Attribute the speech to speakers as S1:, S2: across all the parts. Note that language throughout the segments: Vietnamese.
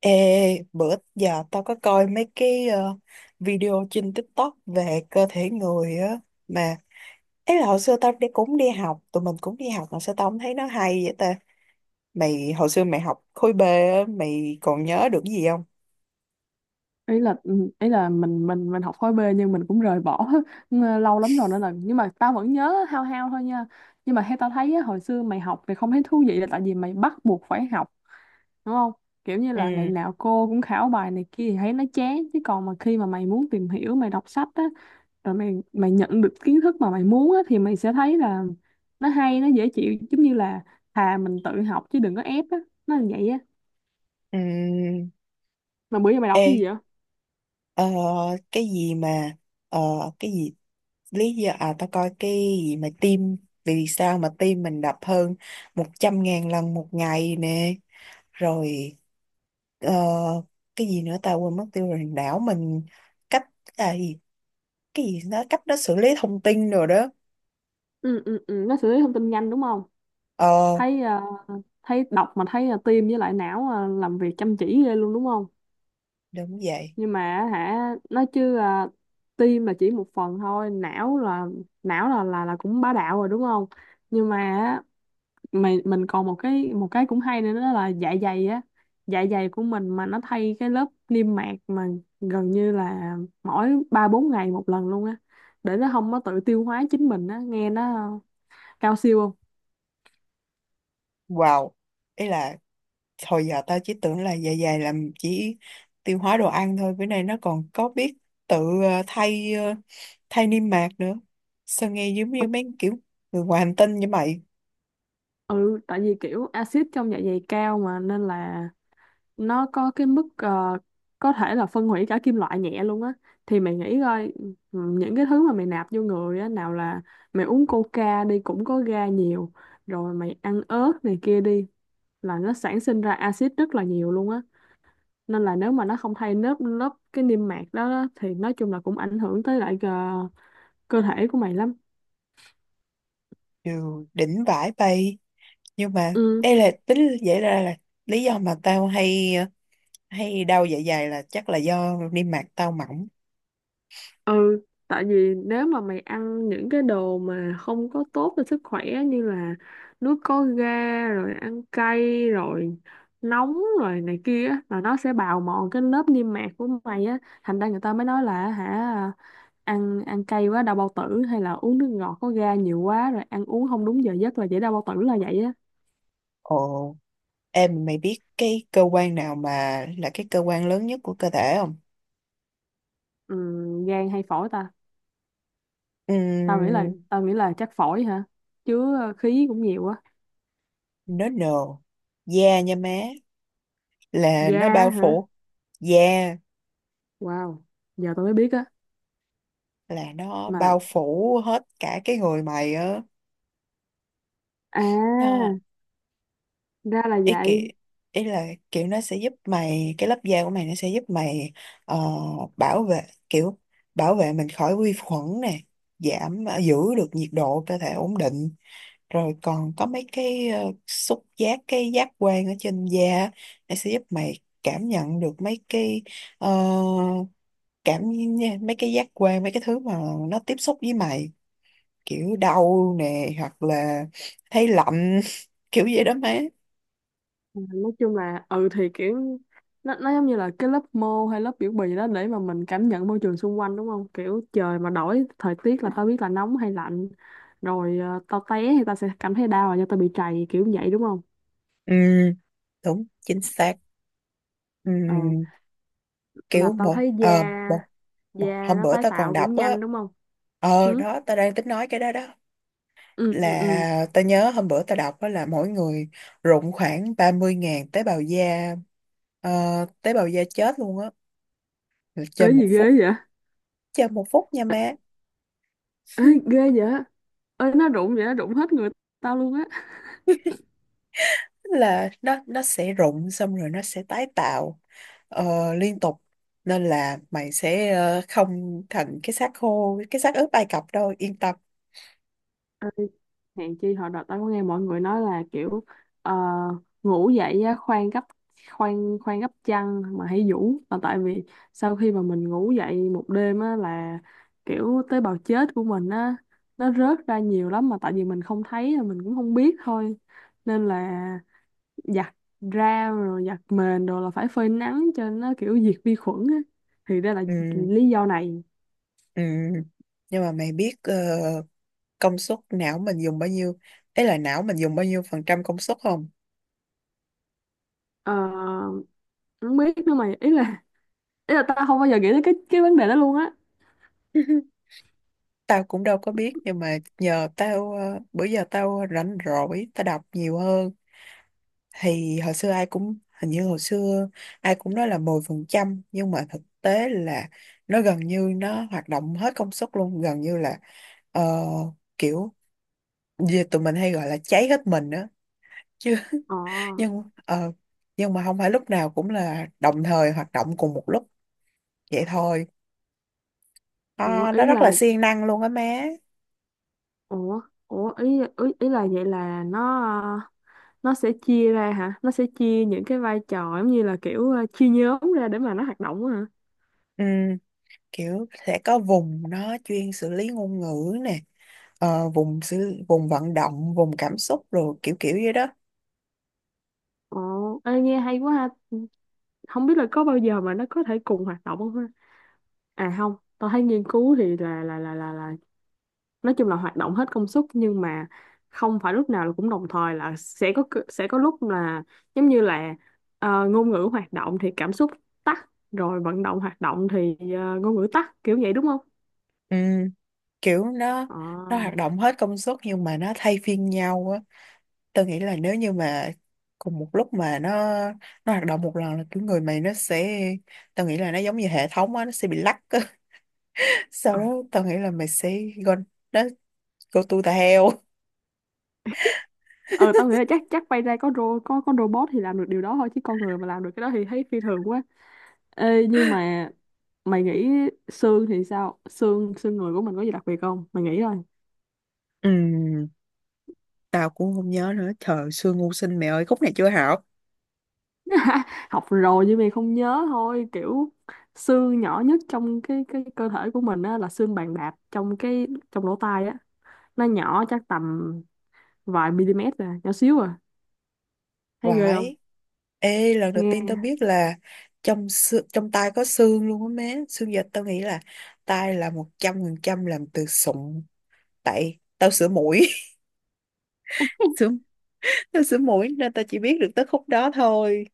S1: Ê, bữa giờ tao có coi mấy cái video trên TikTok về cơ thể người á mà ấy là hồi xưa tao đi cũng đi học, tụi mình cũng đi học mà sao tao không thấy nó hay vậy ta. Mày hồi xưa mày học khối B á, mày còn nhớ được cái gì không?
S2: Ý là mình học khối B nhưng mình cũng rời bỏ lâu lắm rồi nên là nhưng mà tao vẫn nhớ hao hao thôi nha. Nhưng mà theo tao thấy á, hồi xưa mày học thì không thấy thú vị là tại vì mày bắt buộc phải học đúng không. Kiểu như là ngày
S1: Ừ.
S2: nào cô cũng khảo bài này kia thì thấy nó chán, chứ còn mà khi mà mày muốn tìm hiểu mày đọc sách á, rồi mày mày nhận được kiến thức mà mày muốn á, thì mày sẽ thấy là nó hay, nó dễ chịu, giống như là thà mình tự học chứ đừng có ép á, nó là vậy á.
S1: Ừ.
S2: Mà bữa giờ mày đọc
S1: Ê,
S2: cái gì vậy?
S1: ờ, cái gì mà ờ, cái gì, lý do, à tao coi cái gì mà tim, vì sao mà tim mình đập hơn một trăm ngàn lần một ngày nè. Rồi ờ, cái gì nữa ta, quên mất tiêu rồi, đảo mình cách, à, gì, cái gì, nó cách nó xử lý thông tin rồi đó.
S2: Ừ, ừ, ừ, nó xử lý thông tin nhanh đúng không?
S1: Ờ,
S2: Thấy thấy đọc mà thấy tim với lại não làm việc chăm chỉ ghê luôn đúng không?
S1: đúng vậy.
S2: Nhưng mà hả, nói chứ tim là chỉ một phần thôi, não là não là cũng bá đạo rồi đúng không? Nhưng mà á, mình còn một cái cũng hay nữa, đó là dạ dày á. Dạ dày của mình mà nó thay cái lớp niêm mạc mà gần như là mỗi ba bốn ngày một lần luôn á, để nó không có tự tiêu hóa chính mình á, nghe nó cao siêu không?
S1: Wow, ý là hồi giờ tao chỉ tưởng là dạ dày làm chỉ tiêu hóa đồ ăn thôi, bữa nay nó còn có biết tự thay, thay niêm mạc nữa, sao nghe giống như mấy kiểu người ngoài hành tinh như mày.
S2: Ừ, tại vì kiểu axit trong dạ dày cao mà, nên là nó có cái mức có thể là phân hủy cả kim loại nhẹ luôn á. Thì mày nghĩ coi, ừ, những cái thứ mà mày nạp vô người á, nào là mày uống coca đi cũng có ga nhiều, rồi mày ăn ớt này kia đi, là nó sản sinh ra axit rất là nhiều luôn á. Nên là nếu mà nó không thay lớp lớp cái niêm mạc đó thì nói chung là cũng ảnh hưởng tới lại cơ thể của mày lắm.
S1: Đều đỉnh vãi bay. Nhưng mà
S2: Ừ,
S1: đây là tính vậy ra là lý do mà tao hay hay đau dạ dày là chắc là do niêm mạc tao mỏng.
S2: ừ, tại vì nếu mà mày ăn những cái đồ mà không có tốt cho sức khỏe như là nước có ga, rồi ăn cay, rồi nóng rồi này kia á, là nó sẽ bào mòn cái lớp niêm mạc của mày á, thành ra người ta mới nói là hả, ăn ăn cay quá đau bao tử, hay là uống nước ngọt có ga nhiều quá rồi ăn uống không đúng giờ giấc là dễ đau bao tử là vậy á.
S1: Ồ, em mày biết cái cơ quan nào mà là cái cơ quan lớn nhất của cơ thể không?
S2: Ừ, gan hay phổi ta? Tao nghĩ là
S1: Ừm.
S2: tao nghĩ là chắc phổi hả? Chứ khí cũng nhiều á.
S1: Nó nồ, da nha má, là
S2: Ga
S1: nó bao
S2: hả?
S1: phủ da,
S2: Wow, giờ tôi mới biết á.
S1: là nó bao
S2: Mà
S1: phủ hết cả cái người mày á.
S2: à,
S1: Nó,
S2: ra là
S1: ý kiểu,
S2: vậy.
S1: ý là kiểu nó sẽ giúp mày, cái lớp da của mày nó sẽ giúp mày ờ, bảo vệ, kiểu bảo vệ mình khỏi vi khuẩn nè, giảm giữ được nhiệt độ cơ thể ổn định, rồi còn có mấy cái xúc giác, cái giác quan ở trên da, nó sẽ giúp mày cảm nhận được mấy cái ờ, cảm, mấy cái giác quan, mấy cái thứ mà nó tiếp xúc với mày, kiểu đau nè hoặc là thấy lạnh kiểu vậy đó má.
S2: Nói chung là ừ, thì kiểu nó giống như là cái lớp mô hay lớp biểu bì đó, để mà mình cảm nhận môi trường xung quanh đúng không, kiểu trời mà đổi thời tiết là tao biết là nóng hay lạnh, rồi tao té thì tao sẽ cảm thấy đau là do tao bị trầy kiểu vậy đúng không?
S1: Ừ, đúng chính xác. Ừ,
S2: Ừ, mà
S1: kiểu
S2: tao
S1: một
S2: thấy da
S1: một
S2: da
S1: hôm
S2: nó
S1: bữa
S2: tái
S1: tao còn
S2: tạo cũng
S1: đọc á.
S2: nhanh đúng không?
S1: Ờ
S2: Ừ,
S1: đó, tao đang tính nói cái đó đó,
S2: ừ, ừ, ừ.
S1: là ta nhớ hôm bữa ta đọc đó là mỗi người rụng khoảng ba mươi ngàn tế bào da, ờ, tế bào da chết luôn á. Rồi
S2: Ê,
S1: chơi
S2: gì
S1: một phút,
S2: ghê vậy?
S1: chơi một phút nha má.
S2: Ê, ghê vậy. Ê, nó rụng vậy nó rụng hết người tao luôn
S1: Là nó sẽ rụng xong rồi nó sẽ tái tạo liên tục, nên là mày sẽ không thành cái xác khô, cái xác ướp Ai Cập đâu, yên tâm.
S2: á. Hèn chi hồi đợt tao có nghe mọi người nói là kiểu ờ, ngủ dậy á, khoan khoan gấp chăn mà hãy vũ, là tại vì sau khi mà mình ngủ dậy một đêm á, là kiểu tế bào chết của mình á, nó rớt ra nhiều lắm mà tại vì mình không thấy mình cũng không biết thôi. Nên là giặt ra rồi giặt mền rồi là phải phơi nắng cho nó kiểu diệt vi khuẩn á, thì đây là
S1: Ừ.
S2: lý do này.
S1: Ừ. Nhưng mà mày biết công suất não mình dùng bao nhiêu, ấy là não mình dùng bao nhiêu phần trăm công suất không?
S2: Ờ, không biết nữa mày, ý là tao không bao giờ nghĩ tới cái vấn đề đó luôn á.
S1: Tao cũng đâu có biết, nhưng mà nhờ tao bữa giờ tao rảnh rỗi tao đọc nhiều hơn, thì hồi xưa ai cũng, hình như hồi xưa ai cũng nói là mười phần trăm, nhưng mà thực tế là nó gần như nó hoạt động hết công suất luôn, gần như là ờ, kiểu, về tụi mình hay gọi là cháy hết mình á chứ.
S2: Ờ,
S1: nhưng ờ, nhưng mà không phải lúc nào cũng là đồng thời hoạt động cùng một lúc vậy thôi.
S2: ủa,
S1: Ờ, nó
S2: ý
S1: rất là
S2: là
S1: siêng năng luôn á má.
S2: ủa, ủa, ý ý, ý là vậy là nó nó sẽ chia ra hả? Nó sẽ chia những cái vai trò giống như là kiểu chia nhóm ra để mà nó hoạt động á hả?
S1: Ừ, kiểu sẽ có vùng nó chuyên xử lý ngôn ngữ nè, vùng xử, vùng vận động, vùng cảm xúc, rồi kiểu kiểu vậy đó.
S2: Ồ, ê, nghe hay quá ha. Không biết là có bao giờ mà nó có thể cùng hoạt động không ha? À không, tôi thấy nghiên cứu thì là nói chung là hoạt động hết công suất, nhưng mà không phải lúc nào là cũng đồng thời, là sẽ có sẽ có lúc là giống như là ngôn ngữ hoạt động thì cảm xúc tắt, rồi vận động hoạt động thì ngôn ngữ tắt kiểu vậy đúng không?
S1: Ừ, kiểu nó
S2: Ờ,
S1: nó hoạt động hết công suất nhưng mà nó thay phiên nhau á. Tôi nghĩ là nếu như mà cùng một lúc mà nó hoạt động một lần là kiểu người mày nó sẽ, tôi nghĩ là nó giống như hệ thống á, nó sẽ bị lắc á. Sau
S2: ờ.
S1: đó tôi nghĩ là mày sẽ go, nó go to the hell.
S2: Ờ, tao nghĩ là chắc chắc bay ra có ro có robot thì làm được điều đó thôi, chứ con người mà làm được cái đó thì thấy phi thường quá. Ê, nhưng mà mày nghĩ xương thì sao? Xương Xương người của mình có gì đặc biệt không? Mày nghĩ thôi.
S1: Ừ, tao cũng không nhớ nữa, trời xưa ngu sinh mẹ ơi, khúc này chưa học.
S2: Học rồi nhưng mà không nhớ thôi. Kiểu xương nhỏ nhất trong cái cơ thể của mình á là xương bàn đạp, trong cái trong lỗ tai á. Nó nhỏ chắc tầm vài mm à, nhỏ xíu à. Thấy ghê không?
S1: Vãi. Ê, lần đầu tiên tao
S2: Nghe.
S1: biết là trong tai có xương luôn á má. Xương dịch tao nghĩ là tai là 100% làm từ sụn. Tại tao sửa mũi. Sửa, tao sửa mũi nên tao chỉ biết được tới khúc đó thôi.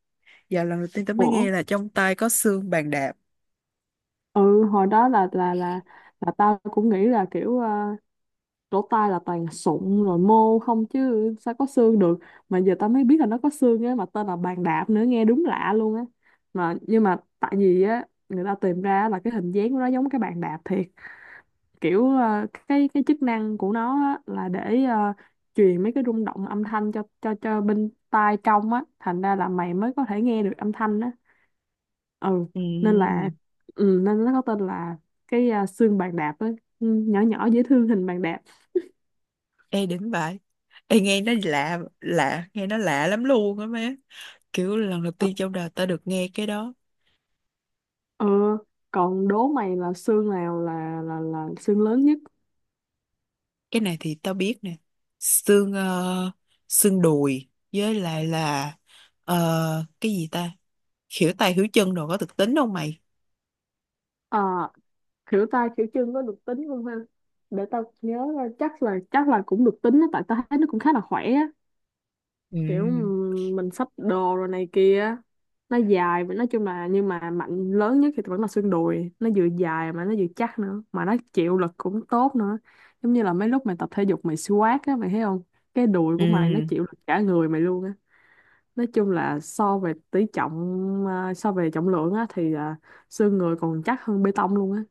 S1: Giờ lần đầu tiên tao mới
S2: ủa,
S1: nghe là trong tai có xương bàn đạp.
S2: ừ, hồi đó là tao cũng nghĩ là kiểu lỗ tai là toàn sụn rồi mô không, chứ sao có xương được. Mà giờ tao mới biết là nó có xương á, mà tên là bàn đạp nữa, nghe đúng lạ luôn á. Mà nhưng mà tại vì á, người ta tìm ra là cái hình dáng của nó giống cái bàn đạp thiệt. Kiểu cái chức năng của nó á, là để truyền mấy cái rung động âm thanh cho bên tai trong á, thành ra là mày mới có thể nghe được âm thanh á. Ừ, nên
S1: Ừ.
S2: là ừ, nên nó có tên là cái xương bàn đạp á. Ừ, nhỏ nhỏ dễ thương, hình bàn đạp. Ừ.
S1: Ê đỉnh vậy. Ê nghe nó lạ, lạ, nghe nó lạ lắm luôn á má. Kiểu lần đầu tiên trong đời tao được nghe cái đó.
S2: Ờ, còn đố mày là xương nào là xương lớn nhất?
S1: Cái này thì tao biết nè, xương xương đùi với lại là cái gì ta, khỉu tay khỉu chân đồ có thực tính không mày?
S2: Ờ, khỉu tay khỉu chân có được tính không ha? Để tao nhớ coi, chắc là cũng được tính á, tại tao thấy nó cũng khá là khỏe á. Kiểu
S1: Ừ.
S2: mình xách đồ rồi này kia, nó dài và nói chung là, nhưng mà mạnh lớn nhất thì vẫn là xương đùi, nó vừa dài mà nó vừa chắc nữa, mà nó chịu lực cũng tốt nữa. Giống như là mấy lúc mày tập thể dục mày squat á, mày thấy không? Cái đùi của mày nó
S1: Ừ.
S2: chịu lực cả người mày luôn á. Nói chung là so về tỷ trọng, à, so về trọng lượng á thì à, xương người còn chắc hơn bê tông luôn á.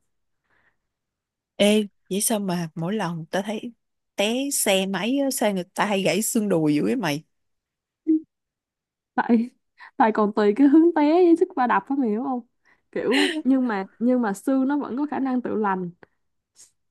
S1: Ê vậy sao mà mỗi lần tao thấy té xe máy á, sao người ta hay gãy xương đùi dữ vậy mày?
S2: Tại Tại còn tùy cái hướng té với sức va đập á, mày hiểu không? Kiểu nhưng mà xương nó vẫn có khả năng tự lành.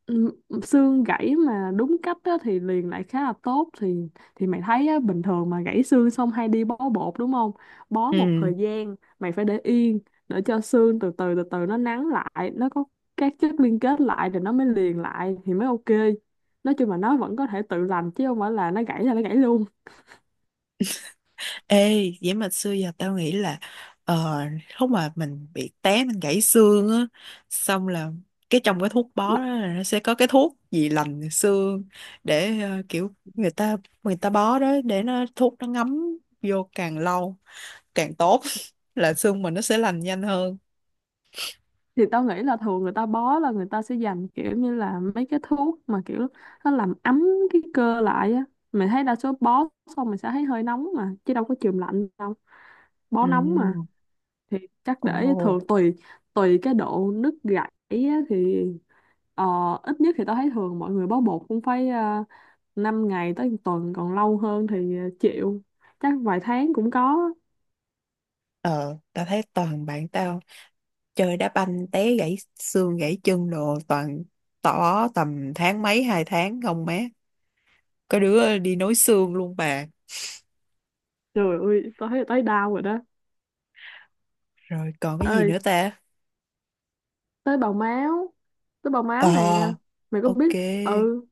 S2: Ừm, xương gãy mà đúng cách á, thì liền lại khá là tốt. Thì mày thấy á, bình thường mà gãy xương xong hay đi bó bột đúng không. Bó một
S1: Ừ.
S2: thời gian mày phải để yên để cho xương từ từ từ từ nó nắn lại, nó có các chất liên kết lại rồi nó mới liền lại thì mới ok. Nói chung là nó vẫn có thể tự lành chứ không phải là nó gãy luôn.
S1: Ê, vậy mà xưa giờ tao nghĩ là ờ, lúc mà mình bị té mình gãy xương á, xong là cái trong cái thuốc bó đó là nó sẽ có cái thuốc gì lành xương để kiểu người ta, người ta bó đó để nó thuốc nó ngấm vô càng lâu càng tốt là xương mình nó sẽ lành nhanh hơn.
S2: Thì tao nghĩ là thường người ta bó là người ta sẽ dành kiểu như là mấy cái thuốc mà kiểu nó làm ấm cái cơ lại á. Mình thấy đa số bó xong mình sẽ thấy hơi nóng mà, chứ đâu có chườm lạnh đâu,
S1: Ừ.
S2: bó nóng mà. Thì chắc
S1: Ồ.
S2: để thường tùy tùy cái độ nứt gãy á, thì ờ, ít nhất thì tao thấy thường mọi người bó bột cũng phải uh, 5 ngày tới một tuần, còn lâu hơn thì chịu, chắc vài tháng cũng có.
S1: Ờ, tao thấy toàn bạn tao chơi đá banh té gãy xương gãy chân đồ toàn tỏ tầm tháng mấy hai tháng không má. Có đứa đi nối xương luôn bà.
S2: Trời ơi tao thấy tao đau rồi đó.
S1: Rồi còn cái gì
S2: Ê,
S1: nữa ta?
S2: tới bào máu tới bào máu nè,
S1: Ờ.
S2: mày có
S1: Ok.
S2: biết. Ừ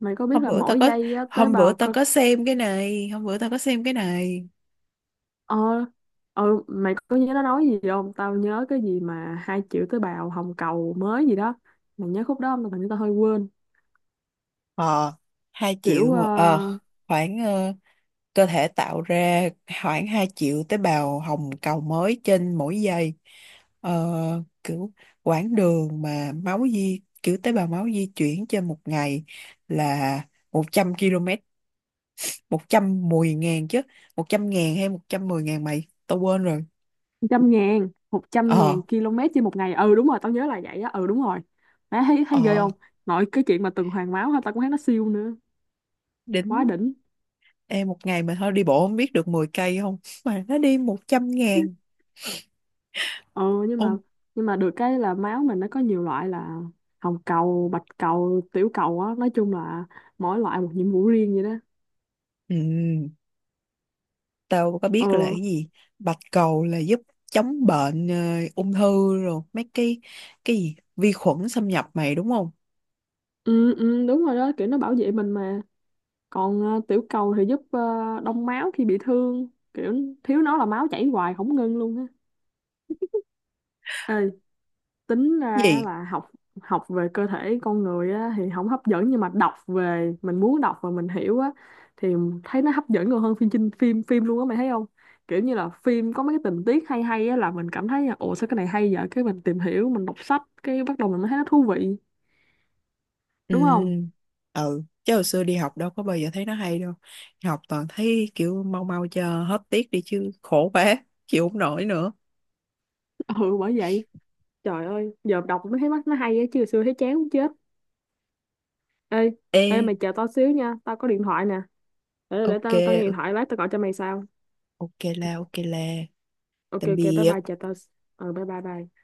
S2: mày có biết
S1: hôm
S2: là
S1: bữa tao
S2: mỗi
S1: có
S2: giây á, tế
S1: hôm bữa
S2: bào
S1: tao
S2: cơ
S1: có xem cái này hôm bữa tao có xem cái này.
S2: ờ ừ, mày có nhớ nó nói gì không, tao nhớ cái gì mà 2 triệu tế bào hồng cầu mới gì đó, mày nhớ khúc đó không, tao hình như tao hơi quên.
S1: Ờ. Hai
S2: Kiểu
S1: triệu, ờ, khoảng cơ thể tạo ra khoảng 2 triệu tế bào hồng cầu mới trên mỗi giây. ờ, kiểu quãng đường mà máu di, kiểu tế bào máu di chuyển trên một ngày là 100 km. Một trăm mười ngàn chứ, 100 ngàn hay 110 ngàn mày, tao quên rồi.
S2: trăm ngàn một trăm
S1: Ờ.
S2: ngàn km trên một ngày, ừ đúng rồi tao nhớ là vậy á, ừ đúng rồi. Má thấy thấy ghê
S1: Ờ,
S2: không? Nội cái chuyện mà tuần hoàn máu ha, tao cũng thấy nó siêu nữa, quá
S1: đính.
S2: đỉnh.
S1: Em một ngày mà thôi đi bộ không biết được 10 cây không mà nó đi 100 ngàn.
S2: Ờ, nhưng mà
S1: Ôm.
S2: được cái là máu mình nó có nhiều loại, là hồng cầu, bạch cầu, tiểu cầu á, nói chung là mỗi loại một nhiệm vụ riêng vậy đó.
S1: Ừ, tao có
S2: Ờ,
S1: biết là cái gì, bạch cầu là giúp chống bệnh ung thư rồi mấy cái gì vi khuẩn xâm nhập mày đúng không?
S2: ừ, ừ đúng rồi đó, kiểu nó bảo vệ mình mà. Còn tiểu cầu thì giúp đông máu khi bị thương. Kiểu thiếu nó là máu chảy hoài không ngưng luôn á. Ê, tính ra
S1: Gì.
S2: là học học về cơ thể con người á thì không hấp dẫn, nhưng mà đọc về mình muốn đọc và mình hiểu á, thì thấy nó hấp dẫn còn hơn phim. Chinh phim phim luôn á, mày thấy không, kiểu như là phim có mấy cái tình tiết hay hay á, là mình cảm thấy là ồ sao cái này hay vậy, cái mình tìm hiểu mình đọc sách, cái bắt đầu mình mới thấy nó thú vị
S1: Ừ.
S2: đúng không.
S1: Ừ chứ hồi xưa đi học đâu có bao giờ thấy nó hay đâu, học toàn thấy kiểu mau mau cho hết tiết đi chứ khổ quá, chịu không nổi nữa.
S2: Ừ, bởi vậy, trời ơi giờ đọc mới thấy mắt nó hay á, chứ hồi xưa thấy chán muốn chết. Ê, ê,
S1: Ê.
S2: mày chờ tao xíu nha, tao có điện thoại nè, để
S1: Ok,
S2: tao tao nghe điện
S1: ok.
S2: thoại, lát tao gọi cho mày sau.
S1: Ok là, ok là.
S2: Ok,
S1: Tạm
S2: ok, bye
S1: biệt.
S2: bye, chờ tao. Ừ, bye bye bye.